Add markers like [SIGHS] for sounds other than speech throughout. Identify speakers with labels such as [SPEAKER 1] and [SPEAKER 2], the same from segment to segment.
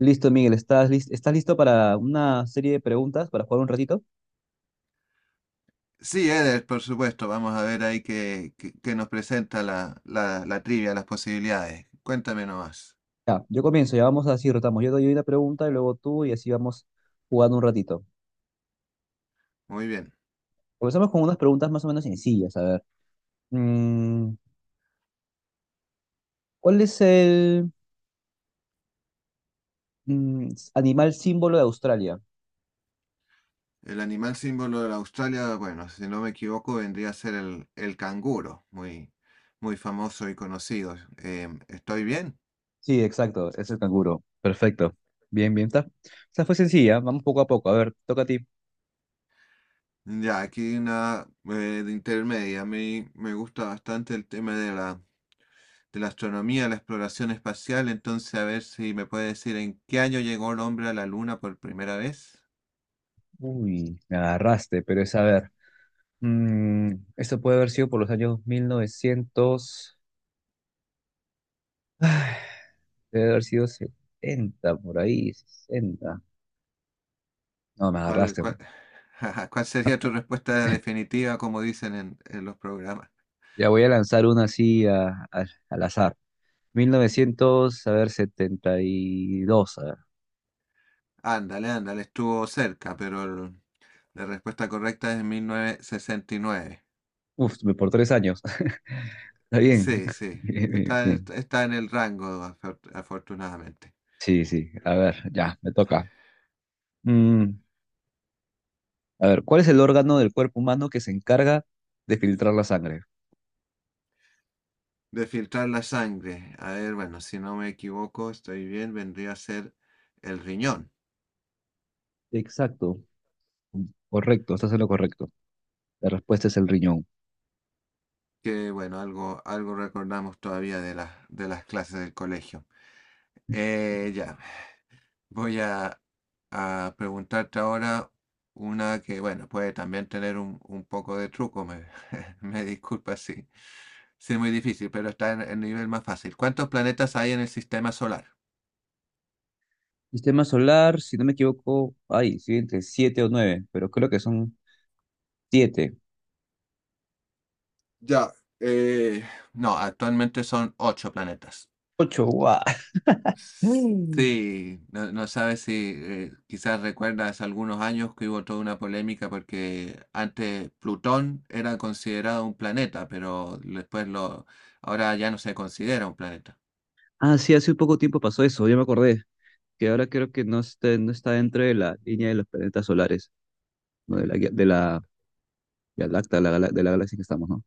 [SPEAKER 1] Listo, Miguel, ¿estás listo para una serie de preguntas para jugar un ratito?
[SPEAKER 2] Sí, Eder, por supuesto. Vamos a ver ahí qué nos presenta la trivia, las posibilidades. Cuéntame nomás.
[SPEAKER 1] Ya, yo comienzo, ya vamos así, rotamos. Yo doy una pregunta y luego tú y así vamos jugando un ratito.
[SPEAKER 2] Muy bien.
[SPEAKER 1] Comenzamos con unas preguntas más o menos sencillas. A ver, mm, ¿cuál es el animal símbolo de Australia?
[SPEAKER 2] El animal símbolo de la Australia, bueno, si no me equivoco, vendría a ser el canguro, muy famoso y conocido. ¿Estoy bien?
[SPEAKER 1] Sí, exacto, es el canguro. Perfecto. Bien, bien, está. O fue sencilla, vamos poco a poco. A ver, toca a ti.
[SPEAKER 2] Ya, aquí una de intermedia. A mí me gusta bastante el tema de de la astronomía, la exploración espacial. Entonces, a ver si me puede decir en qué año llegó el hombre a la luna por primera vez.
[SPEAKER 1] Uy, me agarraste, pero es a ver. Esto puede haber sido por los años 1900. [SIGHS] Debe haber sido 70 por ahí, 60. No, me
[SPEAKER 2] ¿Cuál,
[SPEAKER 1] agarraste, ¿no?
[SPEAKER 2] cuál, [LAUGHS] cuál sería tu
[SPEAKER 1] [LAUGHS]
[SPEAKER 2] respuesta definitiva, como dicen en los programas?
[SPEAKER 1] Ya voy a lanzar una así al azar. 1900 a ver, 72. A ver.
[SPEAKER 2] Ándale, ándale, estuvo cerca, pero la respuesta correcta es 1969.
[SPEAKER 1] Uf, por 3 años. [LAUGHS] Está bien.
[SPEAKER 2] Sí,
[SPEAKER 1] [LAUGHS]
[SPEAKER 2] sí,
[SPEAKER 1] Bien, bien,
[SPEAKER 2] está,
[SPEAKER 1] bien.
[SPEAKER 2] está en el rango, afortunadamente.
[SPEAKER 1] Sí, sí. A ver, ya, me toca. Mm, a ver, ¿cuál es el órgano del cuerpo humano que se encarga de filtrar la sangre?
[SPEAKER 2] De filtrar la sangre. A ver, bueno, si no me equivoco, estoy bien, vendría a ser el riñón,
[SPEAKER 1] Exacto. Correcto, estás en lo correcto. La respuesta es el riñón.
[SPEAKER 2] que bueno, algo recordamos todavía de de las clases del colegio. Eh, ya. Voy a preguntarte ahora una que, bueno, puede también tener un poco de truco, [LAUGHS] me disculpa si, si es muy difícil, pero está en el nivel más fácil. ¿Cuántos planetas hay en el sistema solar?
[SPEAKER 1] Sistema solar, si no me equivoco, ay, sí, entre siete o nueve, pero creo que son siete.
[SPEAKER 2] Ya, eh, No, actualmente son ocho planetas.
[SPEAKER 1] Ocho, guau. [GASPS] Mm.
[SPEAKER 2] Sí, no, no sabes si quizás recuerdas algunos años que hubo toda una polémica porque antes Plutón era considerado un planeta, pero después ahora ya no se considera un planeta.
[SPEAKER 1] Ah, sí, hace poco tiempo pasó eso, ya me acordé, que ahora creo que no está dentro de la línea de los planetas solares, ¿no? De la, de la Vía Láctea, la de la galaxia que estamos, ¿no?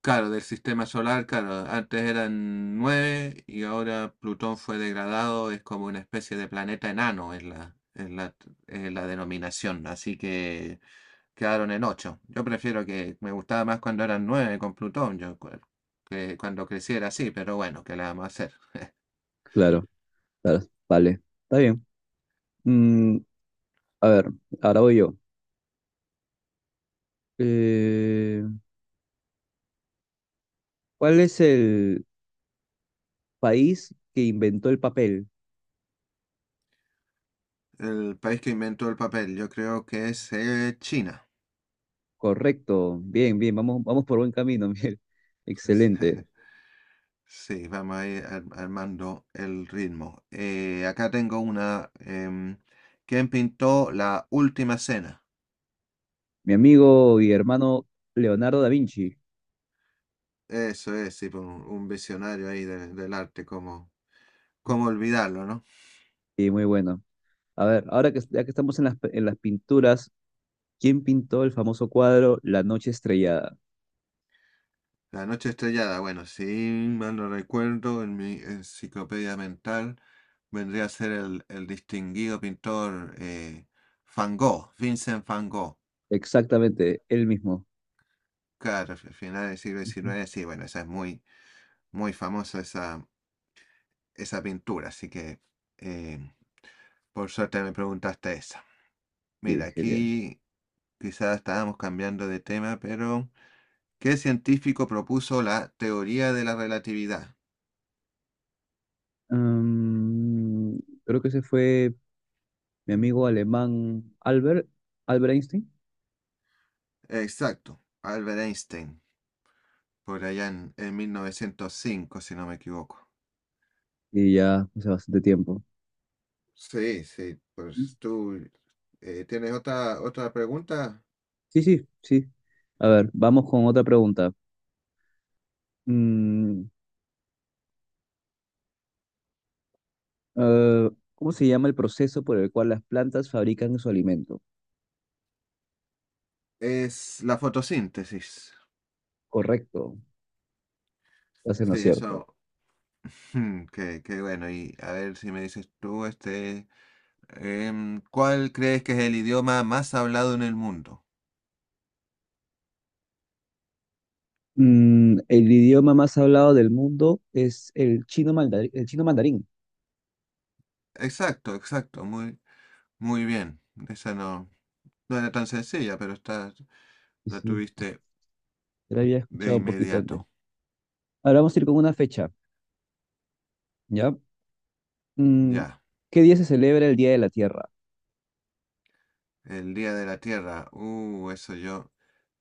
[SPEAKER 2] Claro, del sistema solar, claro, antes eran nueve y ahora Plutón fue degradado, es como una especie de planeta enano en en la denominación, así que quedaron en ocho. Yo prefiero que me gustaba más cuando eran nueve con Plutón, que cuando creciera así, pero bueno, ¿qué le vamos a hacer?
[SPEAKER 1] Claro, claro, vale, está bien. Mm, a ver, ahora voy yo. Eh, ¿cuál es el país que inventó el papel?
[SPEAKER 2] El país que inventó el papel, yo creo que es China.
[SPEAKER 1] Correcto, bien, bien, vamos, vamos por buen camino, [LAUGHS] Miguel. Excelente.
[SPEAKER 2] [LAUGHS] Sí, vamos a ir armando el ritmo. Acá tengo una. ¿Quién pintó la última cena?
[SPEAKER 1] Mi amigo y hermano Leonardo da Vinci.
[SPEAKER 2] Eso es, sí, pues, un visionario ahí del arte, como, cómo olvidarlo, ¿no?
[SPEAKER 1] Sí, muy bueno. A ver, ahora que, ya que estamos en las, pinturas, ¿quién pintó el famoso cuadro La Noche Estrellada?
[SPEAKER 2] La noche estrellada, bueno, si mal no recuerdo, en mi enciclopedia mental vendría a ser el distinguido pintor Van Gogh, Vincent Van Gogh.
[SPEAKER 1] Exactamente, él mismo.
[SPEAKER 2] Claro, a finales del siglo
[SPEAKER 1] Ujú.
[SPEAKER 2] XIX, sí, bueno, esa es muy famosa esa pintura. Así que, eh, por suerte me preguntaste esa. Mira,
[SPEAKER 1] Sí, genial.
[SPEAKER 2] aquí quizás estábamos cambiando de tema, pero ¿qué científico propuso la teoría de la relatividad?
[SPEAKER 1] Mm, Creo que ese fue mi amigo alemán Albert Einstein.
[SPEAKER 2] Exacto, Albert Einstein, por allá en 1905, si no me equivoco.
[SPEAKER 1] Y ya hace bastante tiempo.
[SPEAKER 2] Sí, sí, pues tú tienes otra pregunta.
[SPEAKER 1] Sí, sí, sí. A ver, vamos con otra pregunta. Mm, ¿cómo se llama el proceso por el cual las plantas fabrican su alimento?
[SPEAKER 2] Es la fotosíntesis.
[SPEAKER 1] Correcto, estás en lo
[SPEAKER 2] Sí,
[SPEAKER 1] cierto.
[SPEAKER 2] eso. [LAUGHS] hmm, qué, qué bueno. Y a ver si me dices tú, ¿cuál crees que es el idioma más hablado en el mundo?
[SPEAKER 1] El idioma más hablado del mundo es el chino mandarín, el chino mandarín.
[SPEAKER 2] Exacto, exacto, muy bien. Esa no, no era tan sencilla, pero está,
[SPEAKER 1] Sí,
[SPEAKER 2] la
[SPEAKER 1] sí,
[SPEAKER 2] tuviste
[SPEAKER 1] ya lo había
[SPEAKER 2] de
[SPEAKER 1] escuchado un poquito antes.
[SPEAKER 2] inmediato.
[SPEAKER 1] Ahora vamos a ir con una fecha, ¿ya? Mm,
[SPEAKER 2] Ya,
[SPEAKER 1] ¿qué día se celebra el Día de la Tierra?
[SPEAKER 2] el Día de la Tierra. Eso yo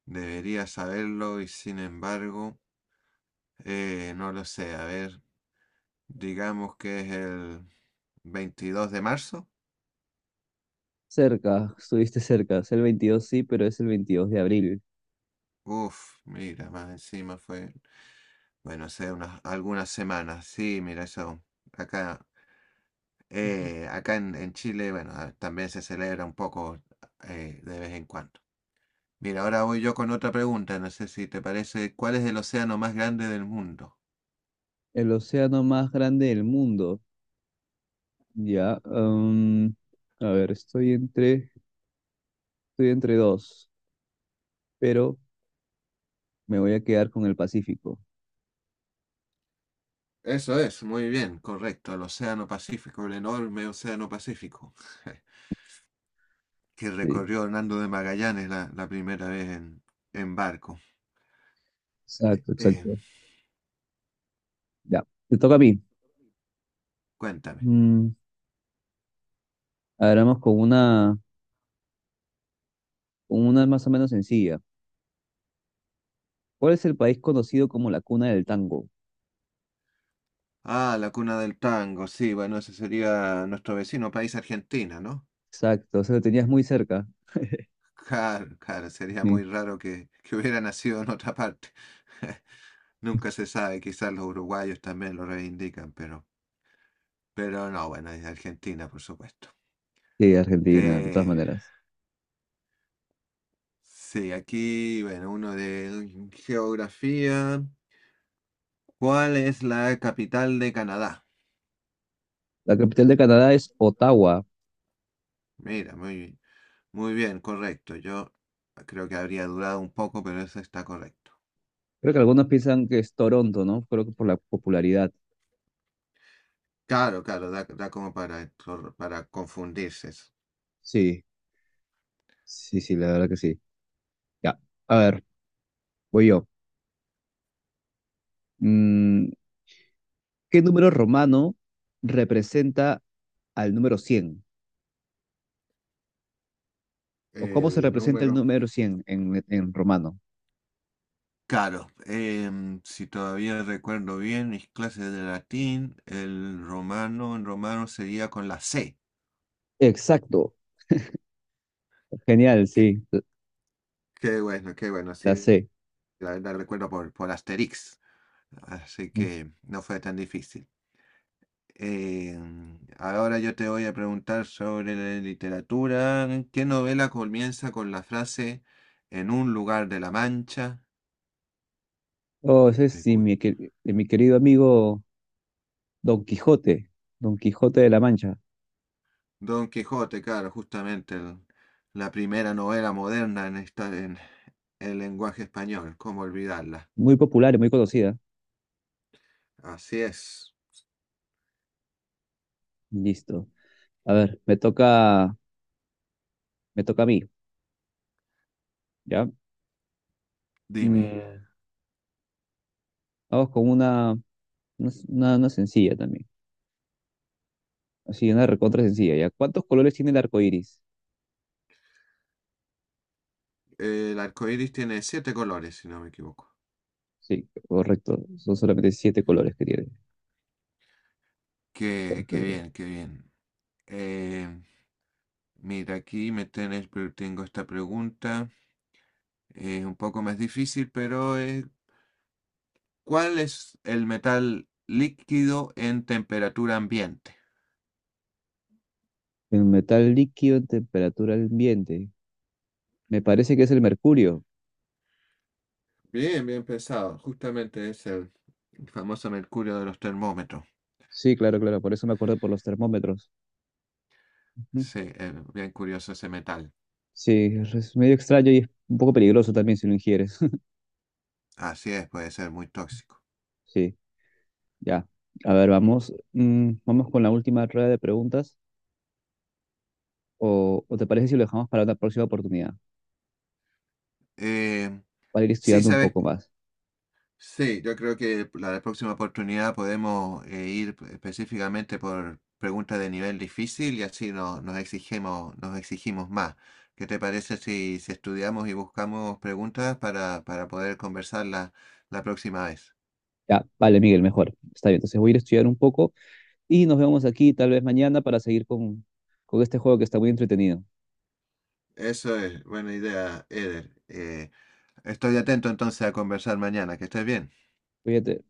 [SPEAKER 2] debería saberlo y sin embargo, no lo sé. A ver, digamos que es el 22 de marzo.
[SPEAKER 1] Cerca, estuviste cerca, es el 22, sí, pero es el 22 de abril.
[SPEAKER 2] Uf, mira, más encima fue, bueno, hace unas, algunas semanas. Sí, mira, eso acá.
[SPEAKER 1] Ujú.
[SPEAKER 2] Acá en Chile, bueno, ah, también se celebra un poco de vez en cuando. Mira, ahora voy yo con otra pregunta, no sé si te parece, ¿cuál es el océano más grande del mundo?
[SPEAKER 1] El océano más grande del mundo, ¿ya? A ver, estoy entre dos, pero me voy a quedar con el Pacífico.
[SPEAKER 2] Eso es, muy bien, correcto, el Océano Pacífico, el enorme Océano Pacífico, [LAUGHS] que
[SPEAKER 1] Sí,
[SPEAKER 2] recorrió Hernando de Magallanes la primera vez en barco.
[SPEAKER 1] exacto,
[SPEAKER 2] Eh,
[SPEAKER 1] exacto. Ya, te toca a mí.
[SPEAKER 2] cuéntame.
[SPEAKER 1] Mm, a ver, vamos con una más o menos sencilla. ¿Cuál es el país conocido como la cuna del tango?
[SPEAKER 2] Ah, la cuna del tango, sí, bueno, ese sería nuestro vecino país, Argentina, ¿no?
[SPEAKER 1] Exacto, o sea, lo tenías muy cerca.
[SPEAKER 2] Claro, claro, sería muy
[SPEAKER 1] Sí,
[SPEAKER 2] raro que, [LAUGHS] que hubiera nacido en otra parte. [LAUGHS] Nunca se sabe, quizás los uruguayos también lo reivindican, pero no, bueno, es de Argentina, por supuesto.
[SPEAKER 1] sí, Argentina, de todas
[SPEAKER 2] Eh,
[SPEAKER 1] maneras.
[SPEAKER 2] sí, aquí, bueno, uno de geografía. ¿Cuál es la capital de Canadá?
[SPEAKER 1] La capital de Canadá es Ottawa.
[SPEAKER 2] Mira, muy bien, correcto. Yo creo que habría durado un poco, pero eso está correcto.
[SPEAKER 1] Creo que algunos piensan que es Toronto, ¿no? Creo que por la popularidad.
[SPEAKER 2] Claro, claro, da como para confundirse. Eso.
[SPEAKER 1] Sí, sí, sí, la verdad que sí. Ya, a ver, voy yo. Mm, ¿qué número romano representa al número 100? ¿O cómo se
[SPEAKER 2] El
[SPEAKER 1] representa el
[SPEAKER 2] número
[SPEAKER 1] número 100 en romano?
[SPEAKER 2] Claro, si todavía recuerdo bien mis clases de latín, el romano, en romano sería con la C.
[SPEAKER 1] Exacto. Genial,
[SPEAKER 2] Qué,
[SPEAKER 1] sí,
[SPEAKER 2] qué bueno, sí,
[SPEAKER 1] la sé.
[SPEAKER 2] la verdad recuerdo por Asterix, así que no fue tan difícil. Em, ahora yo te voy a preguntar sobre la literatura. ¿Qué novela comienza con la frase en un lugar de la Mancha?
[SPEAKER 1] Oh, ese es de mi querido amigo Don Quijote, Don Quijote de la Mancha,
[SPEAKER 2] Don Quijote, claro, justamente la primera novela moderna en estar en el lenguaje español, ¿cómo olvidarla?
[SPEAKER 1] muy popular y muy conocida.
[SPEAKER 2] Así es.
[SPEAKER 1] Listo. A ver, me toca a mí, ¿ya?
[SPEAKER 2] Dime,
[SPEAKER 1] Mm, vamos con una sencilla también, así, una recontra sencilla, ¿ya? ¿Cuántos colores tiene el arco iris?
[SPEAKER 2] el arco iris tiene siete colores, si no me equivoco.
[SPEAKER 1] Sí, correcto, son solamente siete colores que tiene.
[SPEAKER 2] Qué, qué
[SPEAKER 1] Perfecto.
[SPEAKER 2] bien, qué bien. Eh, mira, aquí me tenés, pero tengo esta pregunta. Es un poco más difícil, pero ¿cuál es el metal líquido en temperatura ambiente?
[SPEAKER 1] El metal líquido en temperatura ambiente, me parece que es el mercurio.
[SPEAKER 2] Bien, bien pesado. Justamente es el famoso mercurio de los termómetros.
[SPEAKER 1] Sí, claro, claro, por eso me acuerdo por los termómetros. Ujú.
[SPEAKER 2] Sí, es bien curioso ese metal.
[SPEAKER 1] Sí, es medio extraño y es un poco peligroso también si lo ingieres. [LAUGHS]
[SPEAKER 2] Así es, puede ser muy tóxico.
[SPEAKER 1] Sí, ya. A ver, vamos, vamos con la última rueda de preguntas. O te parece si lo dejamos para una próxima oportunidad?
[SPEAKER 2] Eh,
[SPEAKER 1] Para ir
[SPEAKER 2] sí,
[SPEAKER 1] estudiando un
[SPEAKER 2] sabes,
[SPEAKER 1] poco más.
[SPEAKER 2] sí, yo creo que la próxima oportunidad podemos ir específicamente por preguntas de nivel difícil y así nos exigimos más. ¿Qué te parece si, si estudiamos y buscamos preguntas para poder conversarlas la próxima vez?
[SPEAKER 1] Ya, vale, Miguel, mejor. Está bien, entonces voy a ir a estudiar un poco y nos vemos aquí tal vez mañana para seguir con este juego que está muy entretenido.
[SPEAKER 2] Eso es, buena idea, Eder. Estoy atento entonces a conversar mañana. Que estés bien.
[SPEAKER 1] Cuídate.